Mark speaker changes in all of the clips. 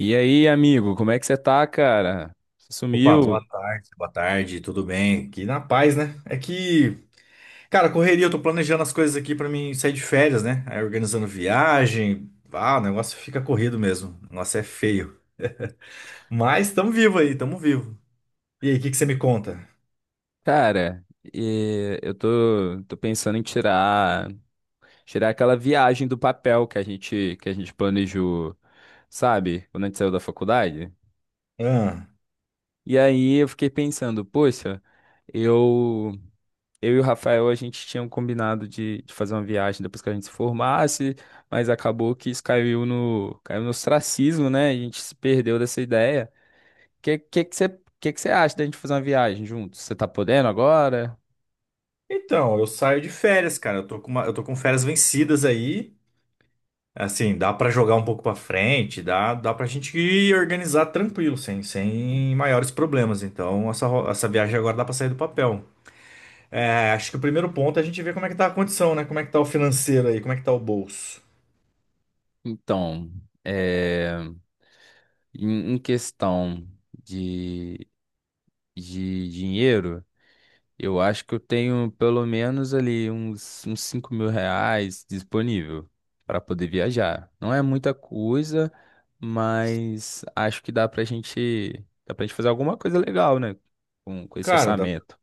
Speaker 1: E aí, amigo, como é que você tá, cara? Você
Speaker 2: Opa,
Speaker 1: sumiu?
Speaker 2: boa tarde, tudo bem? Aqui na paz, né? É que, cara, correria, eu tô planejando as coisas aqui pra mim sair de férias, né? Aí organizando viagem, ah, o negócio fica corrido mesmo. O negócio é feio. Mas tamo vivo aí, tamo vivo. E aí, o que que você me conta?
Speaker 1: Cara, e eu tô pensando em tirar aquela viagem do papel que a gente planejou, sabe? Quando a gente saiu da faculdade.
Speaker 2: Ah,
Speaker 1: E aí eu fiquei pensando, poxa, eu, eu e o Rafael, a gente tinha um combinado de fazer uma viagem depois que a gente se formasse, mas acabou que isso caiu no ostracismo, né? A gente se perdeu dessa ideia. Que que que você que que você acha da gente fazer uma viagem juntos? Você tá podendo agora?
Speaker 2: então, eu saio de férias, cara. Eu tô com eu tô com férias vencidas aí. Assim, dá pra jogar um pouco pra frente, dá pra gente ir organizar tranquilo, sem maiores problemas. Então, essa viagem agora dá pra sair do papel. É, acho que o primeiro ponto é a gente ver como é que tá a condição, né? Como é que tá o financeiro aí, como é que tá o bolso.
Speaker 1: Então, é, em questão de, de dinheiro, eu acho que eu tenho pelo menos ali uns R$ 5.000 disponível para poder viajar. Não é muita coisa, mas acho que dá pra gente fazer alguma coisa legal, né? Com esse
Speaker 2: Cara,
Speaker 1: orçamento.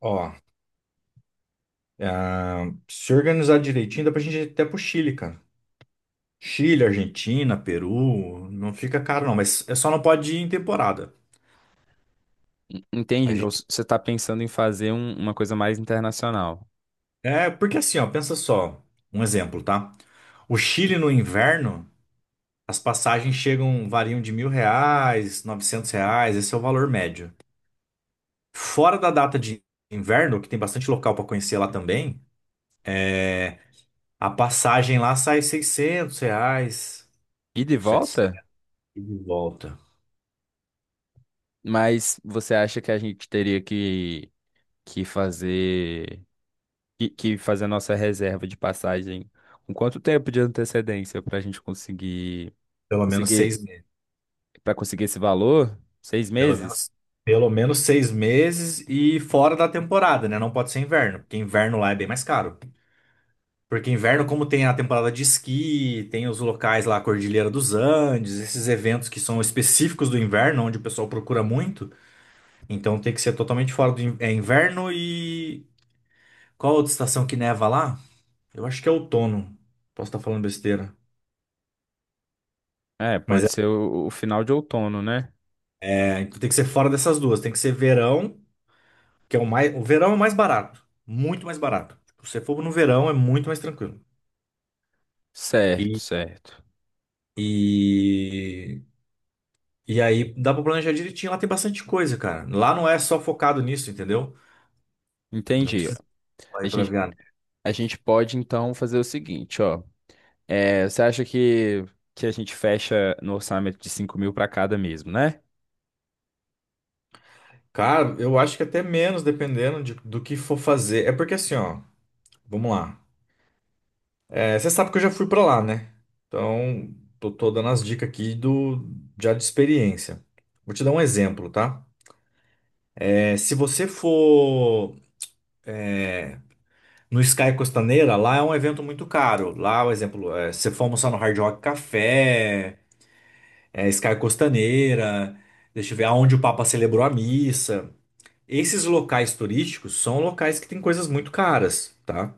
Speaker 2: ó, é, se organizar direitinho, dá pra gente ir até pro Chile, cara. Chile, Argentina, Peru, não fica caro não, mas é só não pode ir em temporada.
Speaker 1: Entende?
Speaker 2: A
Speaker 1: Então,
Speaker 2: gente...
Speaker 1: você tá pensando em fazer uma coisa mais internacional.
Speaker 2: É, porque assim, ó, pensa só, um exemplo, tá? O Chile no inverno, as passagens chegam, variam de R$ 1.000, R$ 900, esse é o valor médio. Fora da data de inverno, que tem bastante local pra conhecer lá também, é, a passagem lá sai R$ 600,
Speaker 1: E de
Speaker 2: 700
Speaker 1: volta?
Speaker 2: e de volta.
Speaker 1: Mas você acha que a gente teria que fazer que fazer a nossa reserva de passagem com quanto tempo de antecedência para a gente conseguir
Speaker 2: Pelo menos seis
Speaker 1: conseguir
Speaker 2: meses.
Speaker 1: para conseguir esse valor? Seis
Speaker 2: Pelo
Speaker 1: meses?
Speaker 2: menos, pelo menos 6 meses e fora da temporada, né? Não pode ser inverno, porque inverno lá é bem mais caro. Porque inverno, como tem a temporada de esqui, tem os locais lá, a Cordilheira dos Andes, esses eventos que são específicos do inverno, onde o pessoal procura muito. Então tem que ser totalmente fora do inverno e. Qual a outra estação que neva lá? Eu acho que é outono. Posso estar falando besteira.
Speaker 1: É,
Speaker 2: Mas é
Speaker 1: pode ser o final de outono, né?
Speaker 2: É, então tem que ser fora dessas duas. Tem que ser verão, que é o mais. O verão é o mais barato. Muito mais barato. Tipo, se você for no verão, é muito mais tranquilo.
Speaker 1: Certo,
Speaker 2: E,
Speaker 1: certo.
Speaker 2: e, e aí dá pra planejar direitinho. Lá tem bastante coisa, cara. Lá não é só focado nisso, entendeu? Não
Speaker 1: Entendi.
Speaker 2: precisa
Speaker 1: A
Speaker 2: ir pra
Speaker 1: gente,
Speaker 2: viagem.
Speaker 1: a gente pode então fazer o seguinte, ó. É, você acha que a gente fecha no orçamento de 5.000 para cada mesmo, né?
Speaker 2: Cara, eu acho que até menos, dependendo do que for fazer. É porque assim, ó. Vamos lá. É, você sabe que eu já fui pra lá, né? Então, tô dando as dicas aqui já de experiência. Vou te dar um exemplo, tá? É, se você for no Sky Costaneira, lá é um evento muito caro. Lá, por exemplo, se você for almoçar no Hard Rock Café, Sky Costaneira, deixa eu ver, aonde o Papa celebrou a missa. Esses locais turísticos são locais que têm coisas muito caras, tá?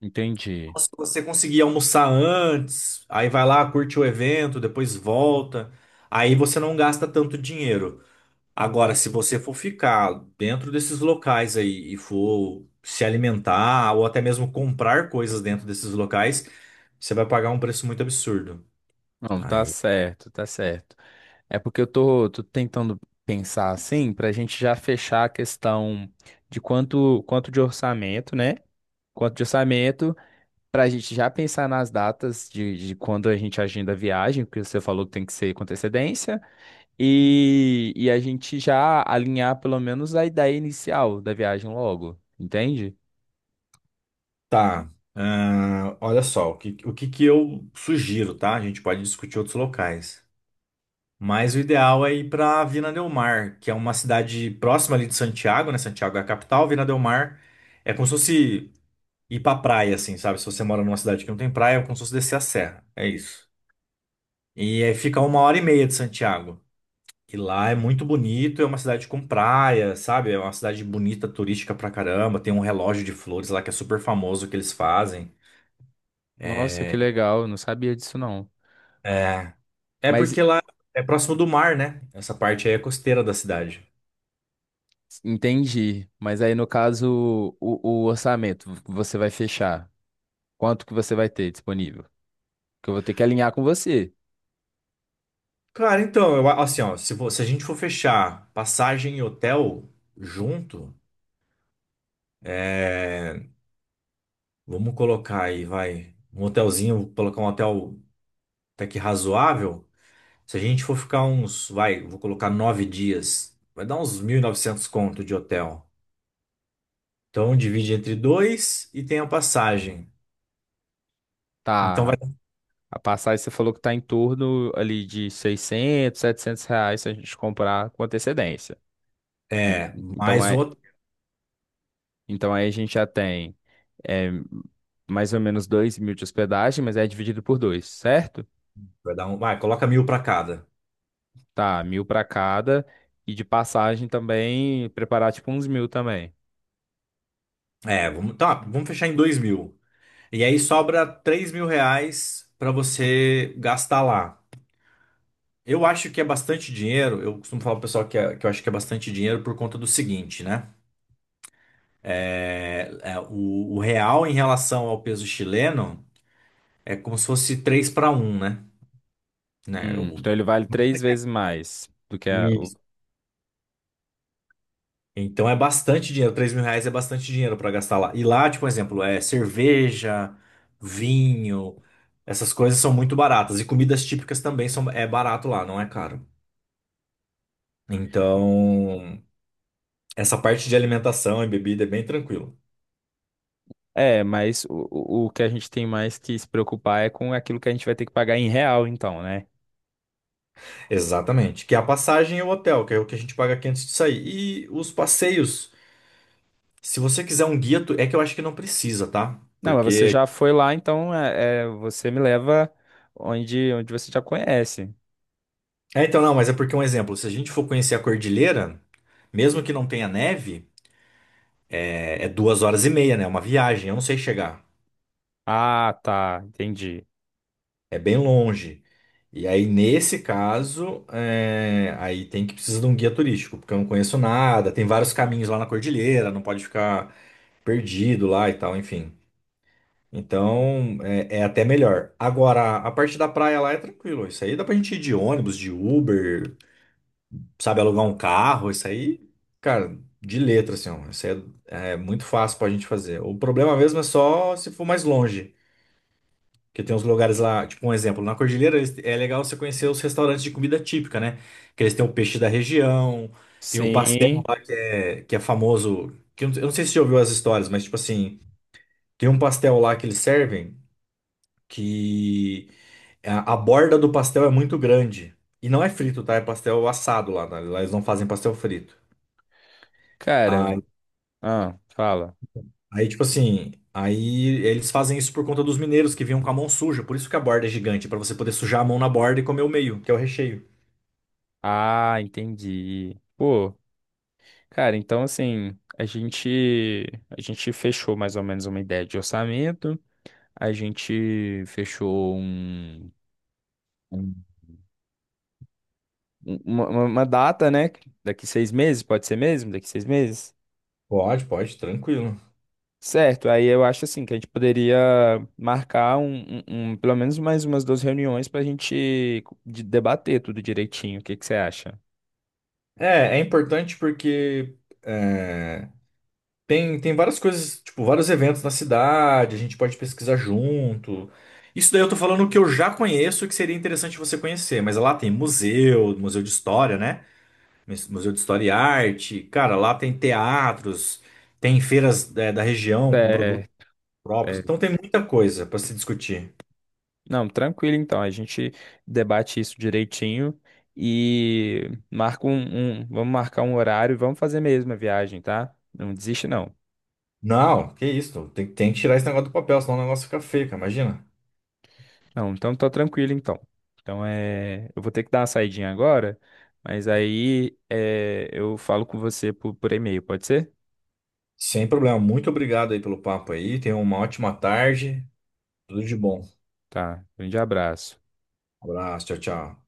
Speaker 1: Entendi.
Speaker 2: Se você conseguir almoçar antes, aí vai lá, curte o evento, depois volta, aí você não gasta tanto dinheiro. Agora, se você for ficar dentro desses locais aí e for se alimentar ou até mesmo comprar coisas dentro desses locais, você vai pagar um preço muito absurdo.
Speaker 1: Não, tá
Speaker 2: Aí
Speaker 1: certo, tá certo. É porque eu tô tentando pensar assim, pra gente já fechar a questão de quanto de orçamento, né? Quanto de orçamento, pra gente já pensar nas datas de quando a gente agenda a viagem, porque você falou que tem que ser com antecedência, e a gente já alinhar pelo menos a ideia inicial da viagem logo, entende?
Speaker 2: tá. Ah, olha só, o que que eu sugiro, tá? A gente pode discutir outros locais. Mas o ideal é ir para Vina del Mar, que é uma cidade próxima ali de Santiago, né? Santiago é a capital, Vina del Mar é como se fosse ir pra praia, assim, sabe? Se você mora numa cidade que não tem praia, é como se fosse descer a serra. É isso. E aí fica uma hora e meia de Santiago. E lá é muito bonito, é uma cidade com praia, sabe? É uma cidade bonita, turística pra caramba. Tem um relógio de flores lá que é super famoso que eles fazem.
Speaker 1: Nossa, que
Speaker 2: É,
Speaker 1: legal, eu não sabia disso não.
Speaker 2: é, é
Speaker 1: Mas
Speaker 2: porque lá é próximo do mar, né? Essa parte aí é costeira da cidade.
Speaker 1: Entendi. Mas aí, no caso, o orçamento que você vai fechar. Quanto que você vai ter disponível? Que eu vou ter que alinhar com você.
Speaker 2: Cara, então, assim, ó, se a gente for fechar passagem e hotel junto, é, vamos colocar aí, vai, um hotelzinho, colocar um hotel até que razoável. Se a gente for ficar uns, vai, vou colocar 9 dias, vai dar uns 1.900 conto de hotel. Então divide entre dois e tem a passagem. Então vai,
Speaker 1: Tá. A passagem você falou que tá em torno ali de 600, 700 reais se a gente comprar com antecedência. En- Então,
Speaker 2: mais o
Speaker 1: aí,
Speaker 2: hotel,
Speaker 1: então aí a gente já tem é, mais ou menos 2.000 de hospedagem, mas é dividido por dois, certo?
Speaker 2: vai dar coloca mil para cada.
Speaker 1: Tá, 1.000 para cada. E de passagem também, preparar tipo uns 1.000 também.
Speaker 2: É, vamos fechar em 2.000. E aí sobra R$ 3.000 para você gastar lá. Eu acho que é bastante dinheiro. Eu costumo falar pro pessoal que eu acho que é bastante dinheiro por conta do seguinte, né? O real em relação ao peso chileno é como se fosse 3 para um, né? Né,
Speaker 1: Então ele vale três vezes mais do que a. O...
Speaker 2: Isso. Então é bastante dinheiro. R$ 3.000 é bastante dinheiro para gastar lá. E lá, tipo, por exemplo, é cerveja, vinho, essas coisas são muito baratas. E comidas típicas também são, é barato lá, não é caro. Então, essa parte de alimentação e bebida é bem tranquilo.
Speaker 1: É, mas o que a gente tem mais que se preocupar é com aquilo que a gente vai ter que pagar em real, então, né?
Speaker 2: Exatamente. Que é a passagem e o hotel, que é o que a gente paga aqui antes de sair. E os passeios, se você quiser um guia, que eu acho que não precisa, tá?
Speaker 1: Não, mas você
Speaker 2: Porque
Speaker 1: já foi lá, então você me leva onde você já conhece.
Speaker 2: Então, não, mas é porque um exemplo, se a gente for conhecer a cordilheira, mesmo que não tenha neve, é 2 horas e meia, né? É uma viagem, eu não sei chegar.
Speaker 1: Ah, tá, entendi.
Speaker 2: É bem longe. E aí, nesse caso, aí tem que precisar de um guia turístico, porque eu não conheço nada, tem vários caminhos lá na cordilheira, não pode ficar perdido lá e tal, enfim. Então, é até melhor. Agora, a parte da praia lá é tranquilo. Isso aí dá pra gente ir de ônibus, de Uber, sabe, alugar um carro, isso aí, cara, de letra, assim, ó, isso aí é muito fácil pra gente fazer. O problema mesmo é só se for mais longe, porque tem uns lugares lá, tipo um exemplo, na Cordilheira é legal você conhecer os restaurantes de comida típica, né? Que eles têm o peixe da região, tem o pastel
Speaker 1: Sim,
Speaker 2: lá que é famoso, que eu não sei se você já ouviu as histórias, mas tipo assim, tem um pastel lá que eles servem que a borda do pastel é muito grande. E não é frito, tá? É pastel assado lá, tá? Lá eles não fazem pastel frito.
Speaker 1: cara. Ah, fala.
Speaker 2: Aí, tipo assim, aí eles fazem isso por conta dos mineiros que vinham com a mão suja. Por isso que a borda é gigante, pra você poder sujar a mão na borda e comer o meio, que é o recheio.
Speaker 1: Ah, entendi. Pô, cara, então assim, a gente fechou mais ou menos uma ideia de orçamento. A gente fechou um- uma data, né? Daqui 6 meses, pode ser mesmo? Daqui 6 meses?
Speaker 2: Pode, pode, tranquilo.
Speaker 1: Certo, aí eu acho assim que a gente poderia marcar pelo menos mais umas duas reuniões para a gente debater tudo direitinho. O que que você acha?
Speaker 2: É importante porque é, tem várias coisas, tipo, vários eventos na cidade, a gente pode pesquisar junto. Isso daí eu tô falando que eu já conheço e que seria interessante você conhecer, mas lá tem museu, museu de história, né? Museu de História e Arte, cara, lá tem teatros, tem feiras, da região com produtos
Speaker 1: Certo,
Speaker 2: próprios.
Speaker 1: certo.
Speaker 2: Então tem muita coisa para se discutir.
Speaker 1: Não, tranquilo então. A gente debate isso direitinho e marca vamos marcar um horário e vamos fazer mesmo a viagem, tá? Não desiste, não.
Speaker 2: Não, que isso. Tem que tirar esse negócio do papel, senão o negócio fica feio, cara. Imagina.
Speaker 1: Não, então tá tranquilo então. Então eu vou ter que dar uma saidinha agora, mas aí eu falo com você por e-mail, pode ser?
Speaker 2: Sem problema. Muito obrigado aí pelo papo aí. Tenha uma ótima tarde. Tudo de bom.
Speaker 1: Tá, grande abraço.
Speaker 2: Abraço, tchau, tchau.